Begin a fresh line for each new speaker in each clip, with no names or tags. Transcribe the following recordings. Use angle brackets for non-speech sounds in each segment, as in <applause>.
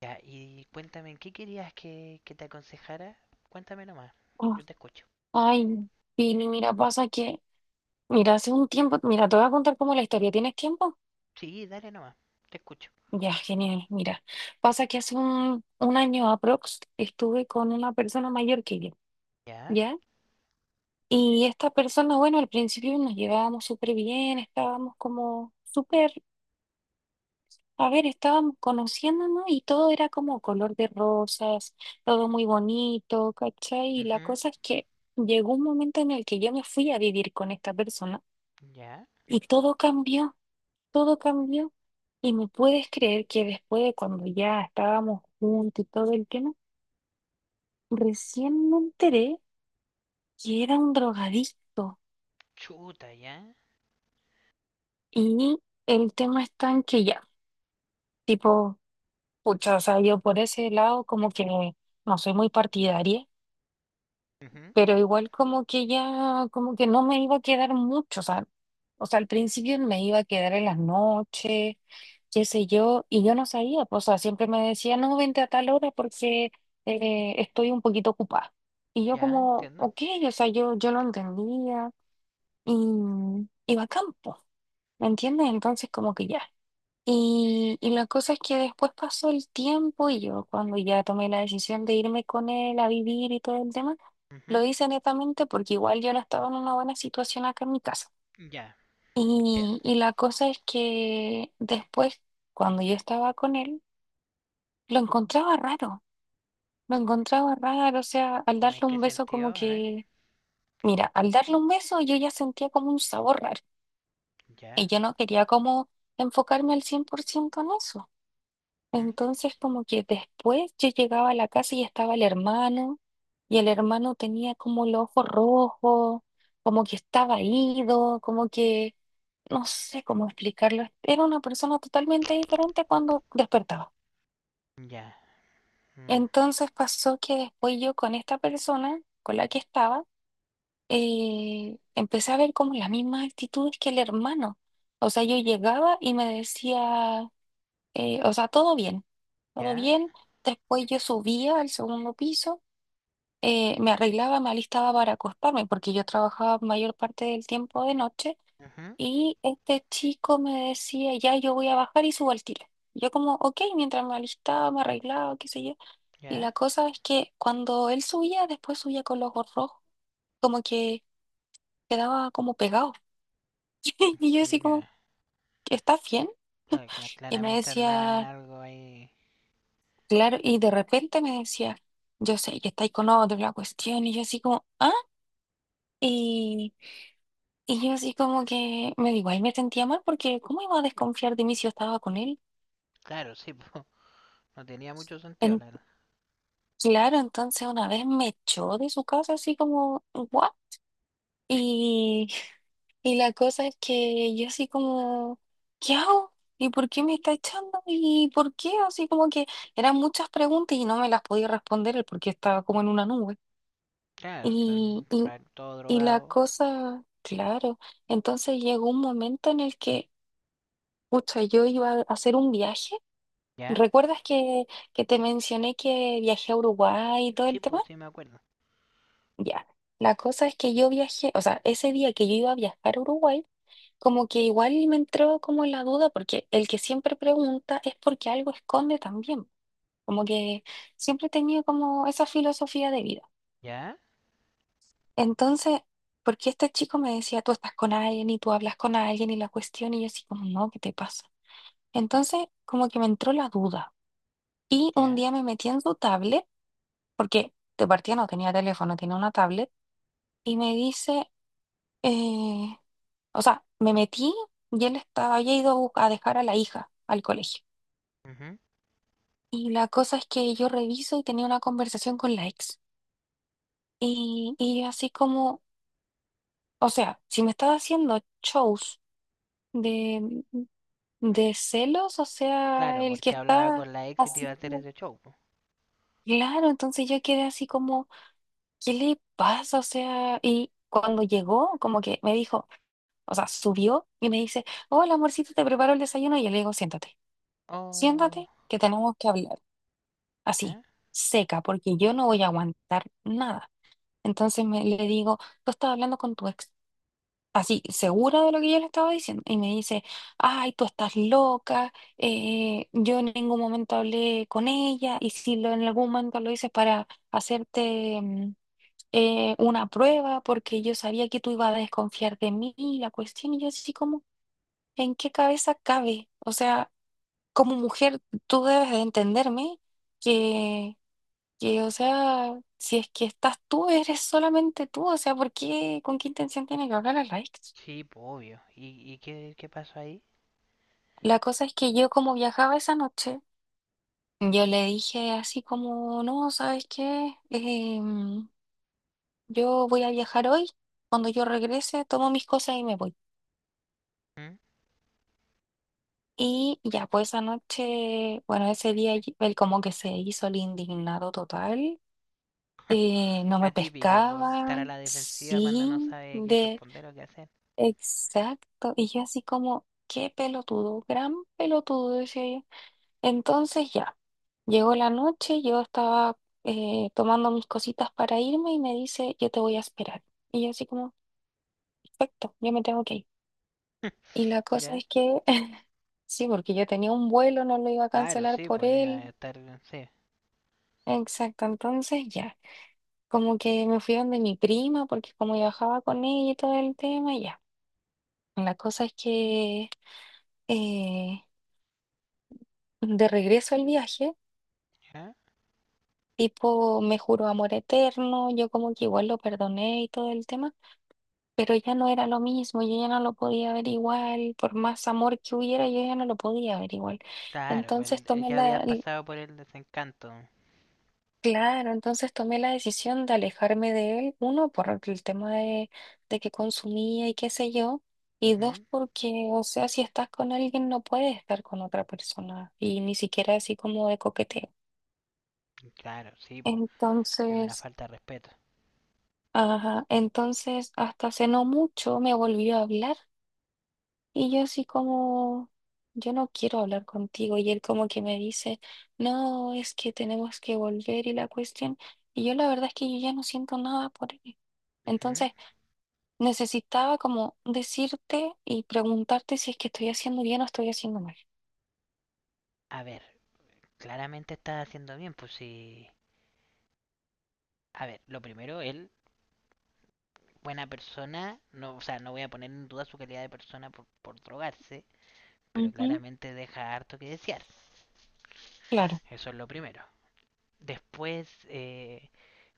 Ya, y cuéntame, ¿en ¿qué querías que te aconsejara? Cuéntame nomás,
Oh,
yo te escucho.
ay, Pili, mira, pasa que, mira, hace un tiempo, mira, te voy a contar como la historia. ¿Tienes tiempo?
Sí, dale nomás, te escucho.
Ya, genial, mira. Pasa que hace un año aprox estuve con una persona mayor que yo,
Ya,
¿ya? Y esta persona, bueno, al principio nos llevábamos súper bien, estábamos como súper, a ver, estábamos conociéndonos y todo era como color de rosas, todo muy bonito, ¿cachai? Y la
ujú,
cosa es que llegó un momento en el que yo me fui a vivir con esta persona
ya,
y todo cambió. Todo cambió. Y me puedes creer que después de cuando ya estábamos juntos y todo el tema, recién me enteré que era un drogadicto.
chuta, ya,
Y el tema está en que ya, tipo, pucha, o sea, yo por ese lado como que no soy muy partidaria,
ujú,
pero igual como que ya, como que no me iba a quedar mucho, o sea, al principio me iba a quedar en las noches, qué sé yo, y yo no sabía, pues, o sea, siempre me decía, no, vente a tal hora porque estoy un poquito ocupada. Y yo
ya,
como,
entiendo,
ok, o sea, yo lo entendía y iba a campo, ¿me entiendes? Entonces como que ya. Y la cosa es que después pasó el tiempo y yo cuando ya tomé la decisión de irme con él a vivir y todo el tema,
ujú,
lo hice netamente porque igual yo no estaba en una buena situación acá en mi casa.
ya, entiendo.
Y la cosa es que después, cuando yo estaba con él, lo encontraba raro, lo encontraba raro, o sea, al
¿Cómo en
darle
qué
un beso
sentido?
como
A ver,
que, mira, al darle un beso yo ya sentía como un sabor raro y
ya,
yo no quería como enfocarme al 100% en eso.
ujú,
Entonces, como que después yo llegaba a la casa y estaba el hermano, y el hermano tenía como el ojo rojo, como que estaba ido, como que no sé cómo explicarlo. Era una persona totalmente diferente cuando despertaba.
ya, mm,
Entonces pasó que después yo con esta persona con la que estaba, empecé a ver como las mismas actitudes que el hermano. O sea, yo llegaba y me decía. O sea, todo bien, todo
ya,
bien. Después yo subía al segundo piso, me arreglaba, me alistaba para acostarme, porque yo trabajaba mayor parte del tiempo de noche,
ujú,
y este chico me decía, ya yo voy a bajar y subo al tiro. Yo como, ok, mientras me alistaba, me arreglaba, qué sé yo. Y
ya,
la cosa es que cuando él subía, después subía con los ojos rojos, como que quedaba como pegado. <laughs> Y yo así como,
ya.
¿estás bien?
Cla- cla-
Y me
claramente andaba en
decía,
algo ahí.
claro, y de repente me decía, yo sé que estáis con otro, la cuestión, y yo así como, ah, y, y yo así como que me digo, ahí me sentía mal porque ¿cómo iba a desconfiar de mí si yo estaba con él?
Claro, sí, <laughs> po, no tenía mucho sentido,
En-
la verdad.
claro, entonces una vez me echó de su casa así como, ¿what? Y, y la cosa es que yo así como, ¿qué hago? ¿Y por qué me está echando? ¿Y por qué? Así como que eran muchas preguntas y no me las podía responder él porque estaba como en una nube.
Claro, son
y y
todo
Y la
drogado.
cosa, claro, entonces llegó un momento en el que, pucha, yo iba a hacer un viaje.
¿Ya?
¿Recuerdas que te mencioné que viajé a Uruguay y todo el
Sí,
tema?
pues sí me acuerdo.
Ya. La cosa es que yo viajé, o sea, ese día que yo iba a viajar a Uruguay, como que igual me entró como la duda, porque el que siempre pregunta es porque algo esconde también. Como que siempre he tenido como esa filosofía de vida.
Ya,
Entonces, porque este chico me decía, tú estás con alguien y tú hablas con alguien y la cuestión, y yo así como, no, ¿qué te pasa? Entonces, como que me entró la duda. Y un
ya,
día me metí en su tablet, porque de partida no tenía teléfono, tenía una tablet, y me dice, eh, o sea, me metí y él estaba, había ido a a dejar a la hija al colegio.
ujú.
Y la cosa es que yo reviso y tenía una conversación con la ex. Y yo así como, o sea, si me estaba haciendo shows. De, De celos, o sea,
Claro,
el que
porque hablaba
está
con la ex y te iba a hacer
haciendo,
ese show, po.
claro, entonces yo quedé así como, ¿qué le pasa? O sea, y cuando llegó, como que me dijo, o sea, subió y me dice, hola amorcito, te preparo el desayuno, y yo le digo, siéntate,
Oh,
siéntate, que tenemos que hablar, así,
ya.
seca, porque yo no voy a aguantar nada. Entonces me, le digo, tú estás hablando con tu ex. Así segura de lo que yo le estaba diciendo y me dice, ay, tú estás loca, yo en ningún momento hablé con ella y si lo, en algún momento lo hice para hacerte una prueba porque yo sabía que tú ibas a desconfiar de mí, la cuestión, y yo así como, ¿en qué cabeza cabe? O sea, como mujer tú debes de entenderme que... Que, o sea, si es que estás tú, eres solamente tú, o sea, ¿por qué, con qué intención tiene que hablar a la ex?
Sí, po, obvio. Y qué, qué pasó ahí?
La cosa es que yo como viajaba esa noche, yo le dije así como, no, ¿sabes qué? Yo voy a viajar hoy, cuando yo regrese tomo mis cosas y me voy.
¿Mm?
Y ya pues esa noche, bueno, ese día él como que se hizo el indignado total, no
La
me
típica, por estar
pescaba,
a la defensiva cuando no
sí,
sabe qué
de
responder o qué hacer.
exacto. Y yo así como, qué pelotudo, gran pelotudo, decía yo. Entonces ya, llegó la noche, yo estaba tomando mis cositas para irme y me dice, yo te voy a esperar. Y yo así como, perfecto, yo me tengo que ir.
<laughs>
Y la cosa
¿Ya?
es que, <laughs> sí, porque yo tenía un vuelo, no lo iba a
Claro,
cancelar
sí,
por
pues no iba
él.
a estar. Sí,
Exacto, entonces ya, como que me fui donde mi prima, porque como viajaba con ella y todo el tema, ya. La cosa es que eh, de regreso al viaje,
¿ya?
tipo, me juró amor eterno, yo como que igual lo perdoné y todo el tema. Pero ya no era lo mismo, yo ya no lo podía ver igual, por más amor que hubiera, yo ya no lo podía ver igual.
Claro, pues
Entonces
el ya habías pasado por el desencanto.
claro, entonces tomé la decisión de alejarme de él, uno, por el tema de que consumía y qué sé yo, y dos,
Ujú,
porque, o sea, si estás con alguien no puedes estar con otra persona, y ni siquiera así como de coqueteo.
claro, sí, pues es una
Entonces,
falta de respeto.
ajá, entonces hasta hace no mucho me volvió a hablar. Y yo así como, yo no quiero hablar contigo. Y él como que me dice, no, es que tenemos que volver y la cuestión. Y yo la verdad es que yo ya no siento nada por él.
Ujú.
Entonces necesitaba como decirte y preguntarte si es que estoy haciendo bien o estoy haciendo mal.
A ver, claramente estás haciendo bien, pues sí. A ver, lo primero, él buena persona, no, o sea, no voy a poner en duda su calidad de persona por drogarse, pero
Ujú,
claramente deja harto que desear.
claro.
Eso es lo primero. Después,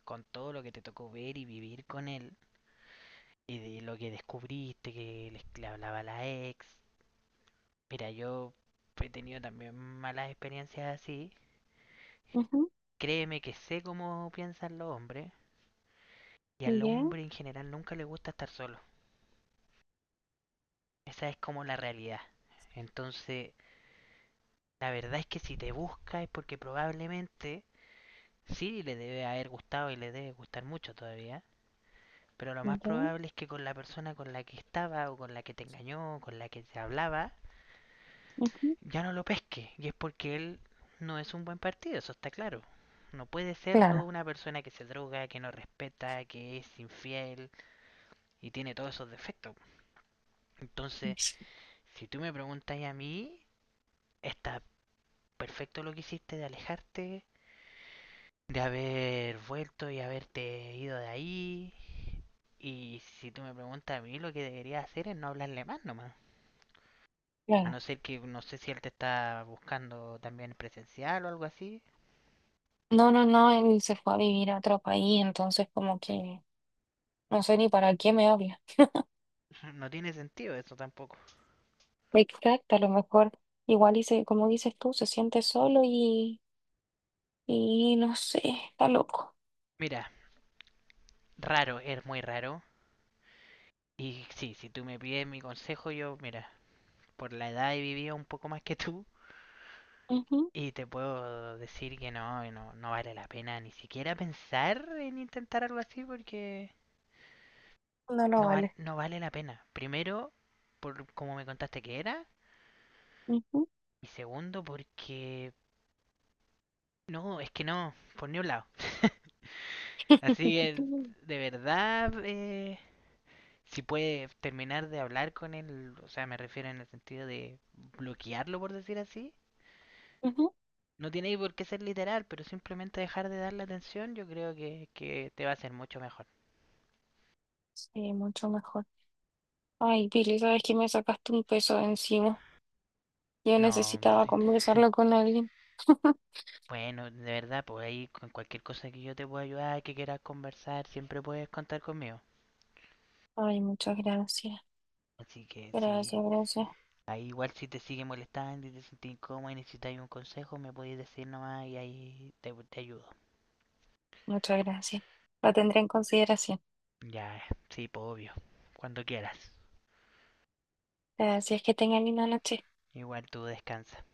con todo lo que te tocó ver y vivir con él, y de lo que descubriste, que le hablaba la ex, mira, yo he tenido también malas experiencias así.
Ujú,
Créeme que sé cómo piensan los hombres, y al
ya,
hombre en general nunca le gusta estar solo. Esa es como la realidad. Entonces, la verdad es que si te busca es porque probablemente sí le debe haber gustado y le debe gustar mucho todavía, pero lo más
ya,
probable es que con la persona con la que estaba o con la que te engañó o con la que se hablaba,
ujú,
ya no lo pesque. Y es porque él no es un buen partido, eso está claro. No puede serlo
claro.
una persona que se droga, que no respeta, que es infiel y tiene todos esos defectos. Entonces,
Sí,
si tú me preguntas a mí, está perfecto lo que hiciste de alejarte, de haber vuelto y haberte ido de ahí. Y si tú me preguntas a mí, lo que debería hacer es no hablarle más nomás. A no
claro.
ser que, no sé si él te está buscando también presencial o algo así.
No, no, no, él se fue a vivir a otro país, entonces como que no sé ni para qué me habla.
<laughs> No tiene sentido eso tampoco.
Exacto, a lo mejor igual y como dices tú, se siente solo y no sé, está loco.
Mira, raro, es muy raro. Y sí, si tú me pides mi consejo, yo, mira, por la edad he vivido un poco más que tú.
Ujú,
Y te puedo decir que no, no, no vale la pena ni siquiera pensar en intentar algo así porque
no lo
no,
vale.
no vale la pena. Primero, por como me contaste que era.
Ujú.
Y segundo, porque... No, es que no, por ni un lado. Así que,
<laughs>
de verdad, si puede terminar de hablar con él, o sea, me refiero en el sentido de bloquearlo, por decir así.
Ujú.
No tiene por qué ser literal, pero simplemente dejar de darle atención, yo creo que te va a hacer mucho mejor.
Sí, mucho mejor. Ay, Pili, sabes que me sacaste un peso de encima. Yo
No,
necesitaba conversarlo con alguien. <laughs>
bueno, de verdad, pues ahí con cualquier cosa que yo te pueda ayudar, que quieras conversar, siempre puedes contar conmigo.
Ay, muchas gracias.
Así que si
Gracias, gracias.
ahí igual si te sigue molestando y te sentís incómodo y necesitáis un consejo, me podéis decir nomás y ahí te ayudo.
Muchas gracias. Lo tendré en consideración.
Ya, sí, pues obvio, cuando quieras.
Gracias, que tengan linda noche.
Igual tú descansa.